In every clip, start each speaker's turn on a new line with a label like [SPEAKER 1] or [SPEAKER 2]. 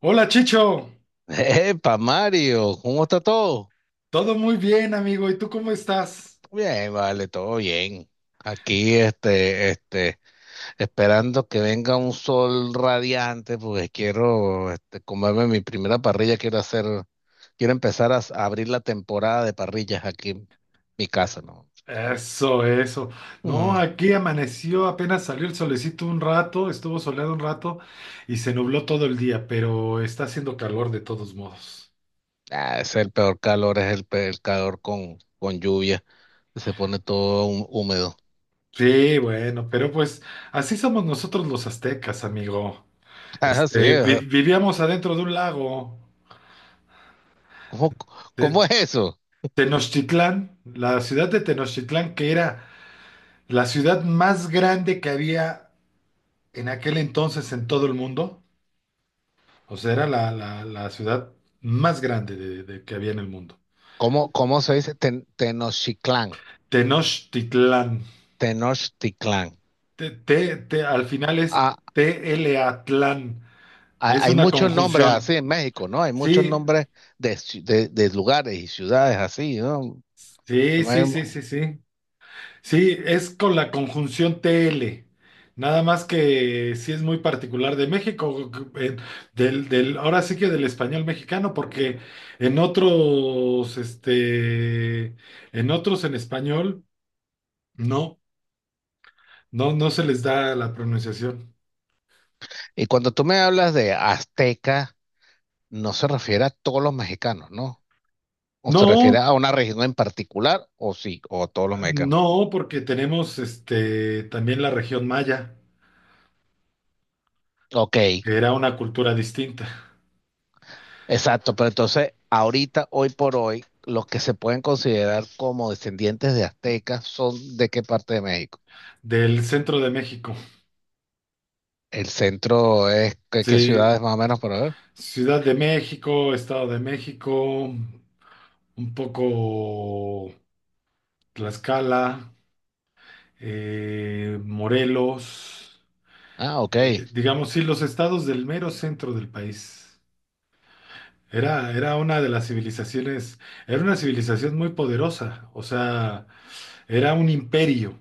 [SPEAKER 1] Hola Chicho,
[SPEAKER 2] Epa, Mario, ¿cómo está todo?
[SPEAKER 1] todo muy bien amigo, ¿y tú cómo estás?
[SPEAKER 2] Bien, vale, todo bien. Aquí, esperando que venga un sol radiante, porque quiero, comerme mi primera parrilla. Quiero empezar a, a abrir la temporada de parrillas aquí en mi
[SPEAKER 1] Eh,
[SPEAKER 2] casa, ¿no?
[SPEAKER 1] Eso, eso. No,
[SPEAKER 2] Mm.
[SPEAKER 1] aquí amaneció, apenas salió el solecito un rato, estuvo soleado un rato y se nubló todo el día, pero está haciendo calor de todos modos.
[SPEAKER 2] Ah, es el peor calor, es el calor con lluvia, que se pone todo húmedo.
[SPEAKER 1] Sí, bueno, pero pues así somos nosotros los aztecas, amigo.
[SPEAKER 2] Ah, sí, ajá.
[SPEAKER 1] Vivíamos adentro de un lago,
[SPEAKER 2] ¿Cómo,
[SPEAKER 1] de
[SPEAKER 2] cómo es eso?
[SPEAKER 1] Tenochtitlán, la ciudad de Tenochtitlán, que era la ciudad más grande que había en aquel entonces en todo el mundo, o sea, era la ciudad más grande que había en el mundo.
[SPEAKER 2] ¿Cómo se dice Tenochtitlán?
[SPEAKER 1] Tenochtitlán,
[SPEAKER 2] Tenochtitlán.
[SPEAKER 1] Al final es
[SPEAKER 2] Ah,
[SPEAKER 1] TLA-tlán, es
[SPEAKER 2] hay
[SPEAKER 1] una
[SPEAKER 2] muchos nombres
[SPEAKER 1] conjunción.
[SPEAKER 2] así en México, ¿no? Hay muchos
[SPEAKER 1] Sí,
[SPEAKER 2] nombres de lugares y ciudades así, ¿no?
[SPEAKER 1] sí. Sí, es con la conjunción TL. Nada más que sí es muy particular de México, eh, ahora sí que del español mexicano, porque en otros, en otros en español, no, no se les da la pronunciación.
[SPEAKER 2] Y cuando tú me hablas de azteca, no se refiere a todos los mexicanos, ¿no? O se refiere
[SPEAKER 1] No,
[SPEAKER 2] a una región en particular, o sí, o a todos los mexicanos.
[SPEAKER 1] no, porque tenemos este también la región maya,
[SPEAKER 2] Ok,
[SPEAKER 1] que era una cultura distinta,
[SPEAKER 2] exacto, pero entonces ahorita, hoy por hoy, ¿los que se pueden considerar como descendientes de aztecas son de qué parte de México?
[SPEAKER 1] del centro de México.
[SPEAKER 2] El centro es, ¿qué
[SPEAKER 1] Sí,
[SPEAKER 2] ciudades más o menos por ver?
[SPEAKER 1] Ciudad de México, Estado de México, un poco Tlaxcala, Morelos,
[SPEAKER 2] Ah, ok. Eh,
[SPEAKER 1] digamos, sí, los estados del mero centro del país. Era una de las civilizaciones, era una civilización muy poderosa, o sea, era un imperio,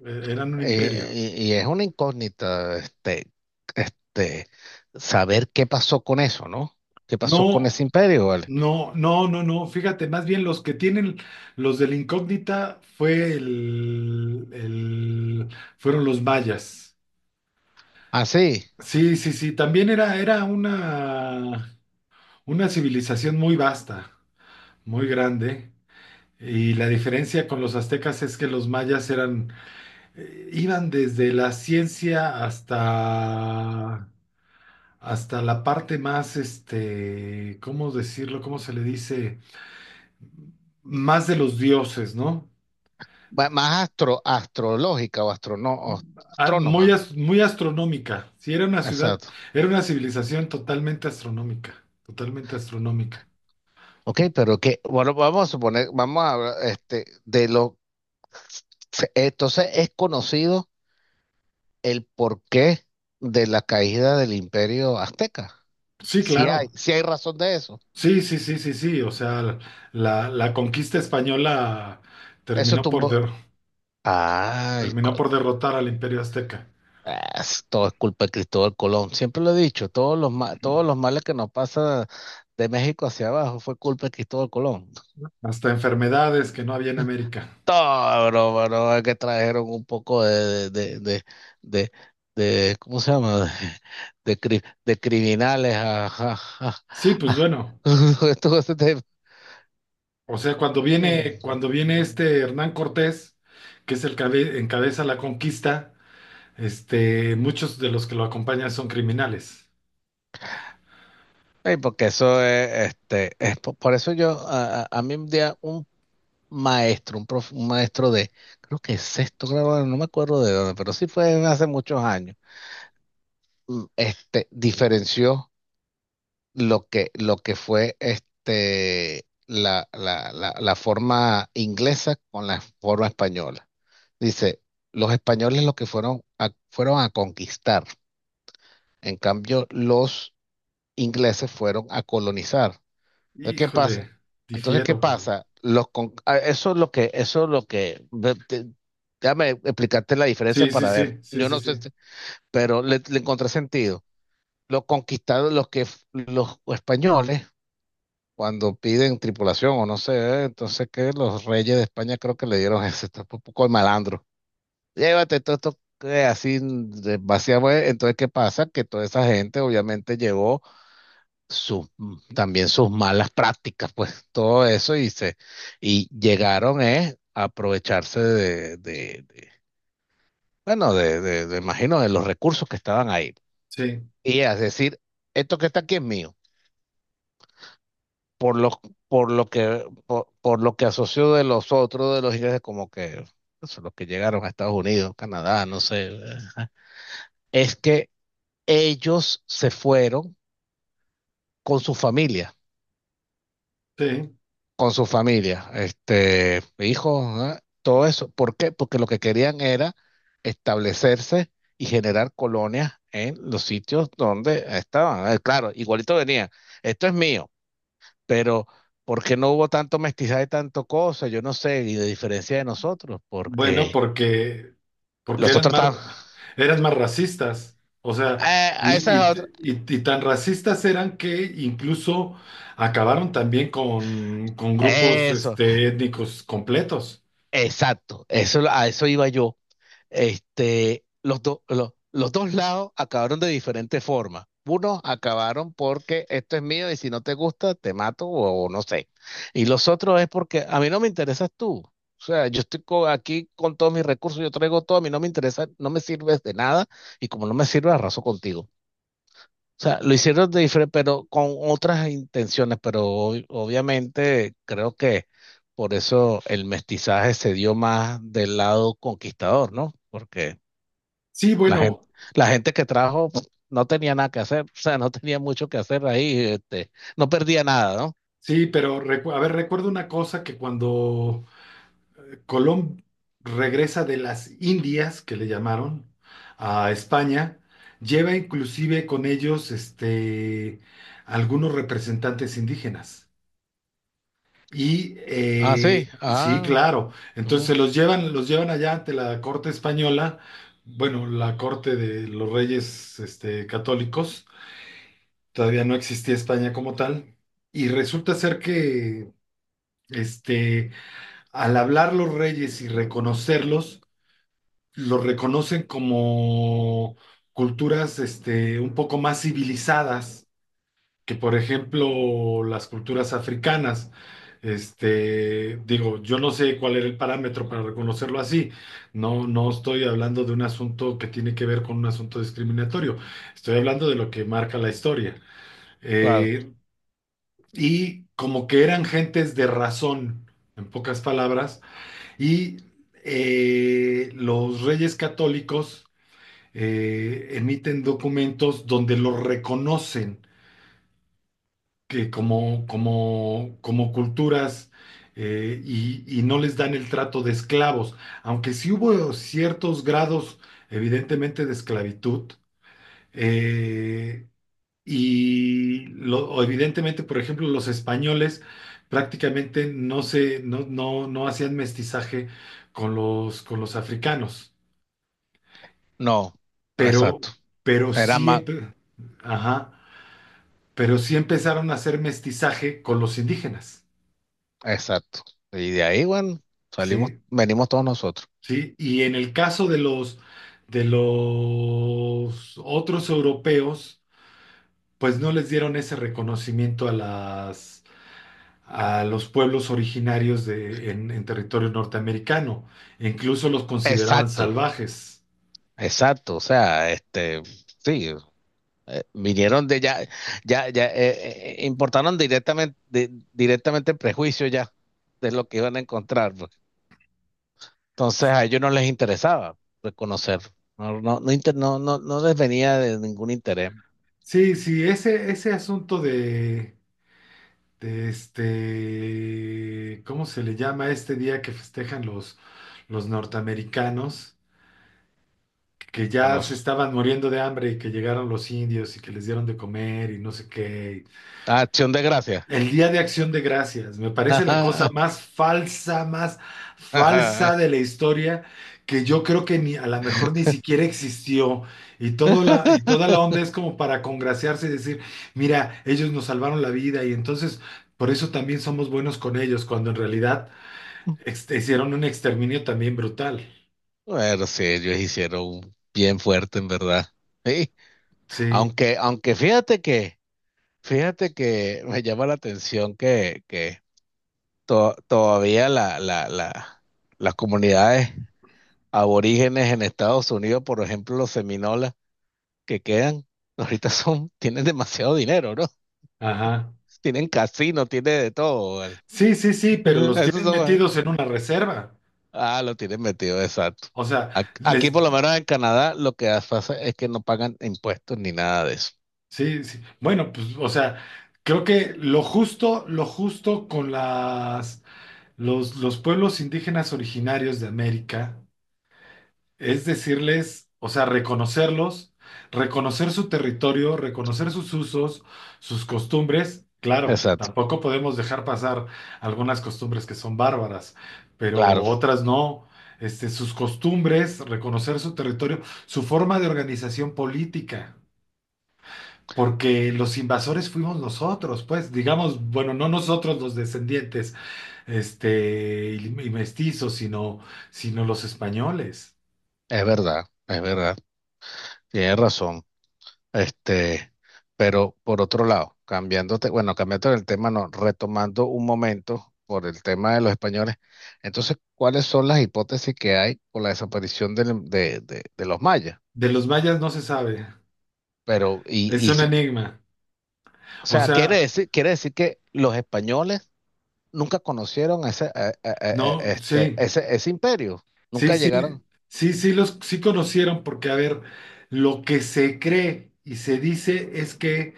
[SPEAKER 1] eran un imperio.
[SPEAKER 2] y, y es una incógnita, este, saber qué pasó con eso, ¿no? ¿Qué pasó con ese
[SPEAKER 1] No,
[SPEAKER 2] imperio, vale?
[SPEAKER 1] no, fíjate, más bien los que tienen, los de la incógnita fueron los mayas.
[SPEAKER 2] Ah, sí.
[SPEAKER 1] Sí, sí, sí, también era una civilización muy vasta, muy grande, y la diferencia con los aztecas es que los mayas eran, iban desde la ciencia hasta, hasta la parte más, este, ¿cómo decirlo? ¿Cómo se le dice? Más de los dioses, ¿no?
[SPEAKER 2] Más astrológica o
[SPEAKER 1] Ah,
[SPEAKER 2] astrónoma.
[SPEAKER 1] muy astronómica, sí, era una ciudad,
[SPEAKER 2] Exacto.
[SPEAKER 1] era una civilización totalmente astronómica, totalmente astronómica.
[SPEAKER 2] Ok, pero que, bueno, vamos a hablar, entonces es conocido el porqué de la caída del imperio azteca.
[SPEAKER 1] Sí,
[SPEAKER 2] Si hay,
[SPEAKER 1] claro.
[SPEAKER 2] si hay razón de eso.
[SPEAKER 1] Sí, sí, sí, sí, sí. O sea, la conquista española
[SPEAKER 2] Eso
[SPEAKER 1] terminó por,
[SPEAKER 2] tumbó.
[SPEAKER 1] der-
[SPEAKER 2] Ay,
[SPEAKER 1] terminó
[SPEAKER 2] coño.
[SPEAKER 1] por derrotar al Imperio Azteca.
[SPEAKER 2] Ah, todo es culpa de Cristóbal Colón. Siempre lo he dicho, todos los males que nos pasa de México hacia abajo fue culpa de Cristóbal Colón.
[SPEAKER 1] Hasta enfermedades que no había en América.
[SPEAKER 2] Todo, bro, bro, es que trajeron un poco de, de- de ¿cómo se llama? De criminales
[SPEAKER 1] Sí, pues
[SPEAKER 2] a-
[SPEAKER 1] bueno.
[SPEAKER 2] todo ese tema.
[SPEAKER 1] O sea,
[SPEAKER 2] Mm.
[SPEAKER 1] cuando
[SPEAKER 2] Mm,
[SPEAKER 1] viene
[SPEAKER 2] mm.
[SPEAKER 1] este Hernán Cortés, que es el que encabeza la conquista, este, muchos de los que lo acompañan son criminales.
[SPEAKER 2] Ey, porque eso es, por eso yo, a mí un día, un maestro de, creo que sexto grado, no me acuerdo de dónde, pero sí fue hace muchos años. Diferenció lo que fue la forma inglesa con la forma española. Dice, los españoles lo que fueron a conquistar, en cambio los ingleses fueron a colonizar. Entonces, ¿qué pasa?
[SPEAKER 1] Híjole,
[SPEAKER 2] Entonces, ¿qué
[SPEAKER 1] difiero, pero.
[SPEAKER 2] pasa? Ah, Eso es lo que, eso es lo que, déjame explicarte la diferencia
[SPEAKER 1] Sí, sí,
[SPEAKER 2] para ver.
[SPEAKER 1] sí, sí,
[SPEAKER 2] Yo
[SPEAKER 1] sí,
[SPEAKER 2] no
[SPEAKER 1] sí.
[SPEAKER 2] sé, pero le encontré sentido. Los conquistados, los españoles, cuando piden tripulación o no sé, entonces que los reyes de España creo que le dieron eso, esto es un poco de malandro. Llévate todo esto que así vaciamos. Entonces, ¿qué pasa? Que toda esa gente obviamente llegó sus- también sus malas prácticas, pues todo eso y llegaron a aprovecharse bueno, imagino de los recursos que estaban ahí.
[SPEAKER 1] Sí,
[SPEAKER 2] Y es decir, esto que está aquí es mío. Por lo, por lo que asoció de los otros, de los ingleses, como que eso, los que llegaron a Estados Unidos, Canadá, no sé, es que ellos se fueron con su familia
[SPEAKER 1] sí.
[SPEAKER 2] con su familia, hijos, ¿ah? Todo eso. ¿Por qué? Porque lo que querían era establecerse y generar colonias en los sitios donde estaban. Claro, igualito venía, esto es mío, pero ¿por qué no hubo tanto mestizaje, tanto cosa? Yo no sé, y de diferencia de nosotros,
[SPEAKER 1] Bueno,
[SPEAKER 2] porque
[SPEAKER 1] porque, porque
[SPEAKER 2] los otros estaban,
[SPEAKER 1] eran más racistas. O sea,
[SPEAKER 2] A esa
[SPEAKER 1] y, y-
[SPEAKER 2] es otra,
[SPEAKER 1] y tan racistas eran que incluso acabaron también con grupos
[SPEAKER 2] eso".
[SPEAKER 1] este, étnicos completos.
[SPEAKER 2] Exacto, eso, a eso iba yo. Los dos lados acabaron de diferente forma. Unos acabaron porque esto es mío y si no te gusta, te mato o no sé. Y los otros es porque a mí no me interesas tú. O sea, yo estoy aquí con todos mis recursos, yo traigo todo, a mí no me interesa, no me sirves de nada y como no me sirves, arraso contigo. O sea, lo hicieron de diferente, pero con otras intenciones, pero obviamente creo que por eso el mestizaje se dio más del lado conquistador, ¿no? Porque
[SPEAKER 1] Sí,
[SPEAKER 2] la gente,
[SPEAKER 1] bueno,
[SPEAKER 2] la gente que trajo pues, no tenía nada que hacer, o sea, no tenía mucho que hacer ahí, no perdía nada, ¿no?
[SPEAKER 1] sí, a ver, recuerdo una cosa que cuando Colón regresa de las Indias, que le llamaron, a España, lleva inclusive con ellos este, algunos representantes indígenas. Y
[SPEAKER 2] Ah, sí.
[SPEAKER 1] sí,
[SPEAKER 2] Ah,
[SPEAKER 1] claro. Entonces
[SPEAKER 2] ujú,
[SPEAKER 1] se los llevan allá ante la corte española, bueno, la corte de los reyes este, católicos. Todavía no existía España como tal. Y resulta ser que este, al hablar los reyes y reconocerlos, los reconocen como culturas este, un poco más civilizadas que por ejemplo las culturas africanas, este, digo, yo no sé cuál era el parámetro para reconocerlo así, no, no estoy hablando de un asunto que tiene que ver con un asunto discriminatorio, estoy hablando de lo que marca la historia.
[SPEAKER 2] claro.
[SPEAKER 1] Eh, y como que eran gentes de razón, en pocas palabras, y los reyes católicos emiten documentos donde los reconocen que como culturas y no les dan el trato de esclavos, aunque sí hubo ciertos grados, evidentemente, de esclavitud, eh, y lo- o evidentemente, por ejemplo, los españoles prácticamente no se, no, no, no hacían mestizaje con los africanos,
[SPEAKER 2] No,
[SPEAKER 1] pero,
[SPEAKER 2] exacto.
[SPEAKER 1] pero
[SPEAKER 2] Era
[SPEAKER 1] sí,
[SPEAKER 2] más,
[SPEAKER 1] empe- ajá, pero sí empezaron a hacer mestizaje con los indígenas.
[SPEAKER 2] exacto. Y de ahí, bueno, salimos,
[SPEAKER 1] ¿Sí?
[SPEAKER 2] venimos todos nosotros.
[SPEAKER 1] ¿Sí? Y en el caso de los otros europeos, pues no les dieron ese reconocimiento a las, a los pueblos originarios en territorio norteamericano, e incluso los consideraban
[SPEAKER 2] Exacto,
[SPEAKER 1] salvajes.
[SPEAKER 2] exacto. O sea, sí, vinieron de ya, ya, ya, importaron directamente el prejuicio ya de lo que iban a encontrar, pues. Entonces a ellos no les interesaba reconocer. No, no, no, no, no, no les venía de ningún interés.
[SPEAKER 1] Sí, sí, ese asunto de este, ¿cómo se le llama este día que festejan los norteamericanos? Que
[SPEAKER 2] A
[SPEAKER 1] ya se
[SPEAKER 2] nos,
[SPEAKER 1] estaban muriendo de hambre y que llegaron los indios y que les dieron de comer y no sé qué.
[SPEAKER 2] Ah, Acción de Gracias.
[SPEAKER 1] El Día de Acción de Gracias, me parece la cosa más falsa de la historia, que yo creo que ni a lo mejor ni siquiera existió. Y, todo la, y toda la onda es como para congraciarse y decir, mira, ellos nos salvaron la vida y entonces por eso también somos buenos con ellos, cuando en realidad hicieron un exterminio también brutal.
[SPEAKER 2] Bueno, sí, ellos hicieron bien fuerte, en verdad. Sí,
[SPEAKER 1] Sí,
[SPEAKER 2] aunque fíjate que, me llama la atención que, todavía las comunidades aborígenes en Estados Unidos, por ejemplo, los seminolas que quedan, ahorita son, tienen demasiado dinero, ¿no?
[SPEAKER 1] ajá.
[SPEAKER 2] Tienen casino, tienen de todo, ¿vale?
[SPEAKER 1] Sí, sí, sí, pero los
[SPEAKER 2] Esos
[SPEAKER 1] tienen
[SPEAKER 2] son.
[SPEAKER 1] metidos en una reserva.
[SPEAKER 2] Ah, lo tienen metido, exacto.
[SPEAKER 1] O sea,
[SPEAKER 2] Aquí,
[SPEAKER 1] les,
[SPEAKER 2] por lo menos en Canadá, lo que pasa es que no pagan impuestos ni nada de eso.
[SPEAKER 1] sí, sí. Bueno, pues, o sea, creo que lo justo con las, los pueblos indígenas originarios de América es decirles, o sea, reconocerlos, reconocer su territorio, reconocer sus usos, sus costumbres. Claro,
[SPEAKER 2] Exacto.
[SPEAKER 1] tampoco podemos dejar pasar algunas costumbres que son bárbaras, pero
[SPEAKER 2] Claro,
[SPEAKER 1] otras no. Este, sus costumbres, reconocer su territorio, su forma de organización política, porque los invasores fuimos nosotros, pues, digamos, bueno, no nosotros los descendientes, este, y mestizos, sino los españoles.
[SPEAKER 2] es verdad, es verdad. Tienes razón. Este, pero por otro lado, bueno, cambiando el tema, no, retomando un momento por el tema de los españoles. Entonces, ¿cuáles son las hipótesis que hay por la desaparición de los mayas?
[SPEAKER 1] De los mayas no se sabe.
[SPEAKER 2] Pero,
[SPEAKER 1] Es un enigma.
[SPEAKER 2] o
[SPEAKER 1] O
[SPEAKER 2] sea, quiere
[SPEAKER 1] sea,
[SPEAKER 2] decir, que los españoles nunca conocieron ese, eh, eh, eh, eh,
[SPEAKER 1] no,
[SPEAKER 2] este,
[SPEAKER 1] sí,
[SPEAKER 2] ese, ese imperio,
[SPEAKER 1] sí,
[SPEAKER 2] nunca
[SPEAKER 1] sí,
[SPEAKER 2] llegaron
[SPEAKER 1] sí los sí conocieron porque, a ver, lo que se cree y se dice es que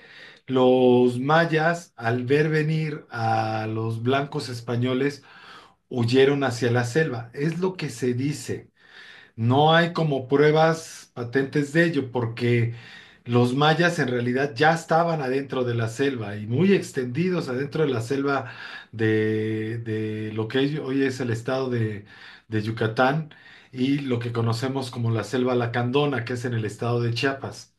[SPEAKER 1] los mayas, al ver venir a los blancos españoles, huyeron hacia la selva. Es lo que se dice. No hay como pruebas patentes de ello, porque los mayas en realidad ya estaban adentro de la selva y muy extendidos adentro de la selva de lo que hoy es el estado de Yucatán y lo que conocemos como la selva lacandona, que es en el estado de Chiapas.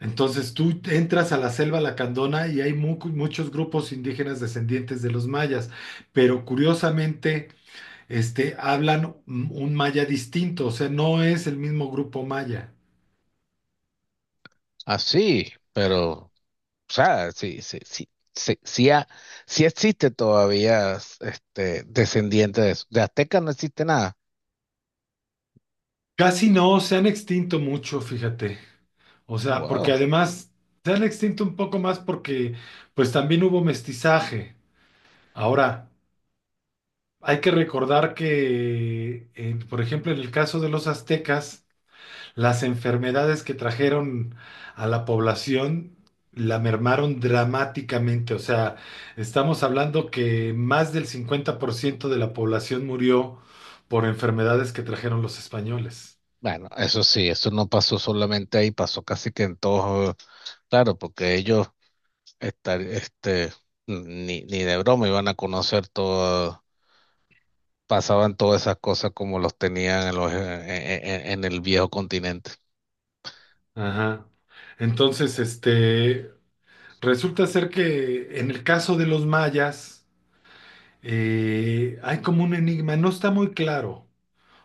[SPEAKER 1] Entonces tú entras a la selva lacandona y hay muchos grupos indígenas descendientes de los mayas, pero curiosamente este, hablan un maya distinto, o sea, no es el mismo grupo maya.
[SPEAKER 2] así, pero, o sea, sí, sí, sí, sí, sí, sí existe todavía, descendiente de eso. De Azteca no existe nada.
[SPEAKER 1] Casi no, se han extinto mucho, fíjate. O
[SPEAKER 2] Ah,
[SPEAKER 1] sea, porque
[SPEAKER 2] wow.
[SPEAKER 1] además se han extinto un poco más porque pues también hubo mestizaje. Ahora, hay que recordar que, por ejemplo, en el caso de los aztecas, las enfermedades que trajeron a la población la mermaron dramáticamente. O sea, estamos hablando que más del 50% de la población murió por enfermedades que trajeron los españoles.
[SPEAKER 2] Bueno, eso sí, eso no pasó solamente ahí, pasó casi que en todos, claro, porque ellos estar, este, ni de broma iban a conocer todo, pasaban todas esas cosas como los tenían en, los, en el viejo continente.
[SPEAKER 1] Ajá. Entonces, este, resulta ser que en el caso de los mayas, hay como un enigma, no está muy claro.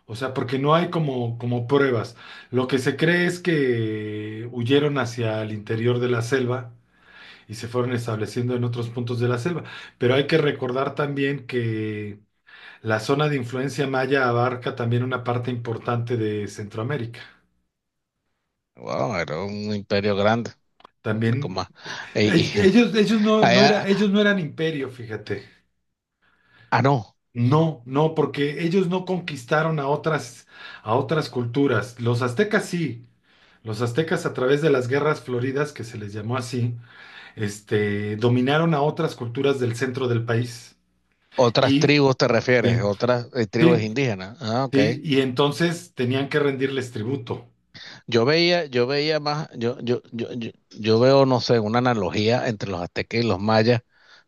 [SPEAKER 1] O sea, porque no hay como, como pruebas. Lo que se cree es que huyeron hacia el interior de la selva y se fueron estableciendo en otros puntos de la selva. Pero hay que recordar también que la zona de influencia maya abarca también una parte importante de Centroamérica.
[SPEAKER 2] Wow, era un imperio grande. Como,
[SPEAKER 1] También
[SPEAKER 2] y, y-
[SPEAKER 1] ellos, ellos no, no era,
[SPEAKER 2] allá-
[SPEAKER 1] ellos no eran imperio, fíjate.
[SPEAKER 2] ah, no,
[SPEAKER 1] No, no, porque ellos no conquistaron a otras culturas. Los aztecas sí. Los aztecas a través de las guerras floridas, que se les llamó así, este, dominaron a otras culturas del centro del país.
[SPEAKER 2] otras
[SPEAKER 1] Y
[SPEAKER 2] tribus te refieres,
[SPEAKER 1] sí,
[SPEAKER 2] otras tribus
[SPEAKER 1] sí,
[SPEAKER 2] indígenas. Ah, ok.
[SPEAKER 1] sí, y entonces tenían que rendirles tributo.
[SPEAKER 2] Yo veía más, yo veo, no sé, una analogía entre los aztecas y los mayas.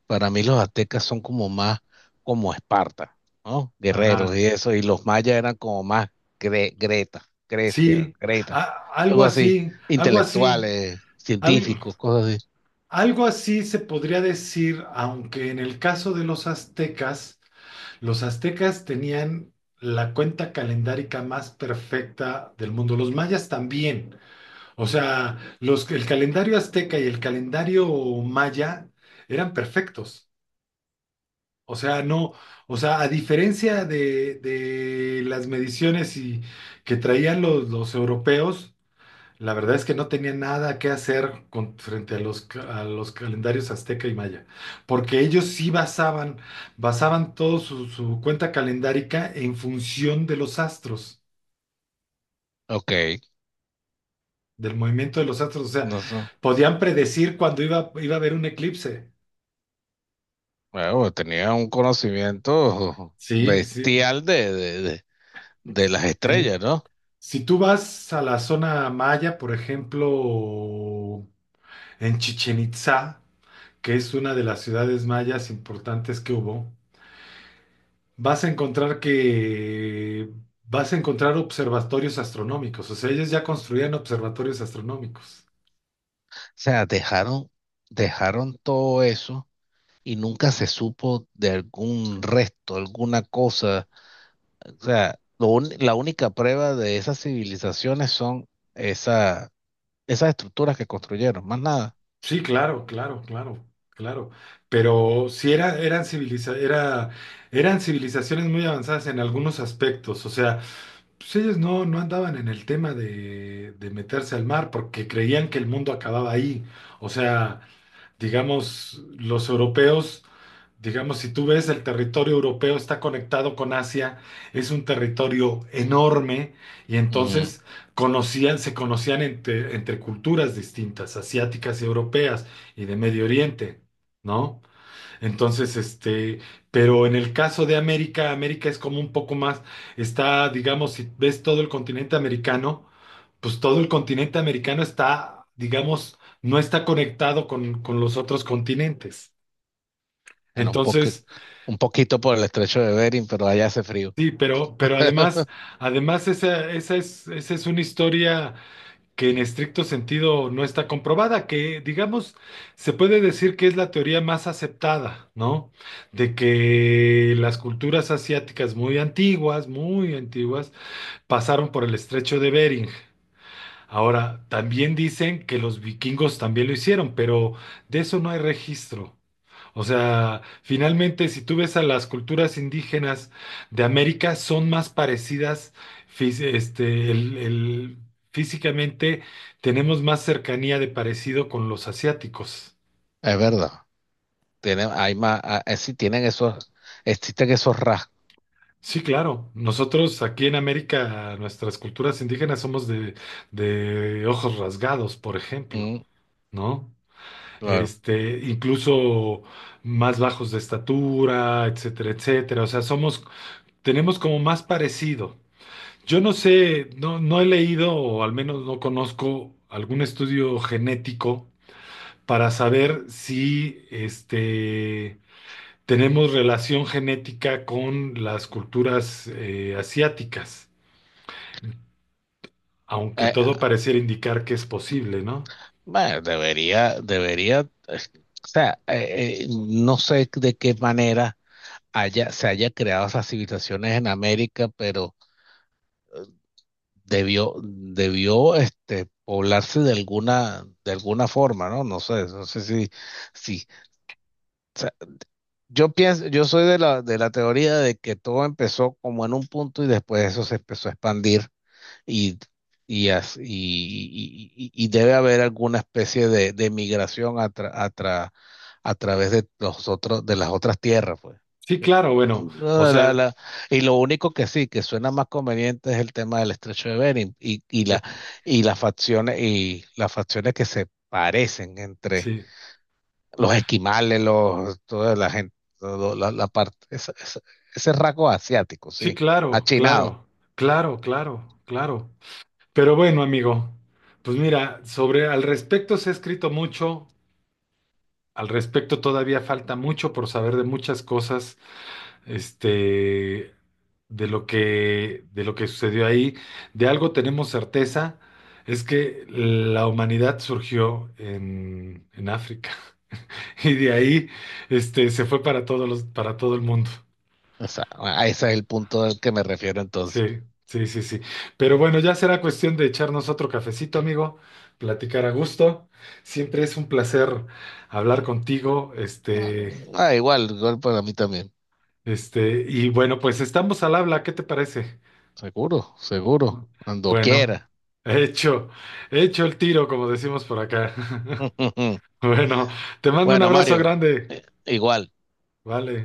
[SPEAKER 2] Para mí los aztecas son como más como Esparta, ¿no?
[SPEAKER 1] Ajá.
[SPEAKER 2] Guerreros y eso, y los mayas eran como más Greta, Grecia,
[SPEAKER 1] Sí,
[SPEAKER 2] Greta,
[SPEAKER 1] algo
[SPEAKER 2] algo así,
[SPEAKER 1] así, algo así,
[SPEAKER 2] intelectuales,
[SPEAKER 1] al-
[SPEAKER 2] científicos, cosas así.
[SPEAKER 1] algo así se podría decir, aunque en el caso de los aztecas los aztecas tenían la cuenta calendárica más perfecta del mundo. Los mayas también. O sea, los, el calendario azteca y el calendario maya eran perfectos. O sea, no, o sea, a diferencia de las mediciones y, que traían los europeos, la verdad es que no tenía nada que hacer frente a los, a los calendarios azteca y maya, porque ellos sí basaban, basaban todo su, su cuenta calendárica en función de los astros,
[SPEAKER 2] Ok,
[SPEAKER 1] del movimiento de los astros, o sea,
[SPEAKER 2] no sé.
[SPEAKER 1] podían predecir cuando iba, iba a haber un eclipse.
[SPEAKER 2] Bueno, tenía un conocimiento
[SPEAKER 1] Sí, sí,
[SPEAKER 2] bestial de las
[SPEAKER 1] sí.
[SPEAKER 2] estrellas, ¿no? O
[SPEAKER 1] Si tú vas a la zona maya, por ejemplo, en Chichen Itzá, que es una de las ciudades mayas importantes que hubo, vas a encontrar que vas a encontrar observatorios astronómicos. O sea, ellos ya construían observatorios astronómicos.
[SPEAKER 2] sea, dejaron todo eso y nunca se supo de algún resto, alguna cosa. O sea, la única prueba de esas civilizaciones son esa, esas estructuras que construyeron, más nada.
[SPEAKER 1] Sí, claro, claro, claro, claro. Pero sí eran civilizaciones muy avanzadas en algunos aspectos. O sea, pues ellos no, no andaban en el tema de meterse al mar porque creían que el mundo acababa ahí. O sea, digamos, los europeos, digamos, si tú ves el territorio europeo está conectado con Asia, es un territorio enorme y
[SPEAKER 2] Mm,
[SPEAKER 1] entonces conocían, se conocían entre, entre culturas distintas, asiáticas y europeas y de Medio Oriente, ¿no? Entonces, este, pero en el caso de América, América es como un poco más, está, digamos, si ves todo el continente americano, pues todo el continente americano está, digamos, no está conectado con los otros continentes.
[SPEAKER 2] en un poque-
[SPEAKER 1] Entonces,
[SPEAKER 2] un poquito por el estrecho de Bering, pero allá hace frío.
[SPEAKER 1] sí, pero además, además esa, esa es una historia que en
[SPEAKER 2] Mm,
[SPEAKER 1] estricto sentido no está comprobada, que digamos, se puede decir que es la teoría más aceptada, ¿no? De que las culturas asiáticas muy antiguas, pasaron por el estrecho de Bering. Ahora, también dicen que los vikingos también lo hicieron, pero de eso no hay registro. O sea, finalmente, si tú ves a las culturas indígenas de América, son más parecidas, este, físicamente tenemos más cercanía de parecido con los asiáticos.
[SPEAKER 2] Es verdad. Hay más, ah, sí, tienen esos, existen esos rasgos.
[SPEAKER 1] Sí, claro. Nosotros aquí en América, nuestras culturas indígenas somos de ojos rasgados, por ejemplo,
[SPEAKER 2] Mm,
[SPEAKER 1] ¿no?
[SPEAKER 2] claro.
[SPEAKER 1] Este, incluso más bajos de estatura, etcétera, etcétera. O sea, somos, tenemos como más parecido. Yo no sé, no he leído o al menos no conozco algún estudio genético para saber si este, tenemos relación genética con las culturas asiáticas, aunque todo
[SPEAKER 2] Ah,
[SPEAKER 1] pareciera indicar que es posible, ¿no?
[SPEAKER 2] bueno, debería, eh, o sea, no sé de qué manera se haya creado esas civilizaciones en América, pero poblarse de alguna forma, ¿no? No sé si, si, o sea, yo pienso, yo soy de la teoría de que todo empezó como en un punto y después eso se empezó a expandir y, y debe haber alguna especie de migración a través de los otros, de las otras tierras, pues.
[SPEAKER 1] Sí,
[SPEAKER 2] Yo-
[SPEAKER 1] claro, bueno, o
[SPEAKER 2] no,
[SPEAKER 1] sea,
[SPEAKER 2] y lo único que sí, que suena más conveniente es el tema del estrecho de Bering y, y,
[SPEAKER 1] sí,
[SPEAKER 2] la, y las facciones, y las facciones que se parecen entre
[SPEAKER 1] sí,
[SPEAKER 2] los esquimales, toda la gente, la parte, ese rasgo asiático,
[SPEAKER 1] sí,
[SPEAKER 2] sí, achinado.
[SPEAKER 1] claro. Pero bueno, amigo, pues mira, sobre al respecto se ha escrito mucho. Al respecto, todavía falta mucho por saber de muchas cosas, este, de lo que sucedió ahí. De algo tenemos certeza, es que la humanidad surgió en África y de ahí, este, se fue para todos los, para todo el mundo.
[SPEAKER 2] O sea, a ese es el punto al que me refiero entonces.
[SPEAKER 1] Sí, sí, sí, sí. Pero bueno, ya será cuestión de echarnos otro cafecito, amigo, platicar a gusto. Siempre es un placer hablar contigo, este.
[SPEAKER 2] Ah, igual, igual para mí también.
[SPEAKER 1] Este, y bueno, pues estamos al habla, ¿qué te parece?
[SPEAKER 2] Seguro, seguro. Cuando
[SPEAKER 1] Bueno,
[SPEAKER 2] quiera.
[SPEAKER 1] hecho, hecho el tiro, como decimos por acá. Bueno, te mando un
[SPEAKER 2] Bueno,
[SPEAKER 1] abrazo
[SPEAKER 2] Mario,
[SPEAKER 1] grande.
[SPEAKER 2] igual.
[SPEAKER 1] Vale.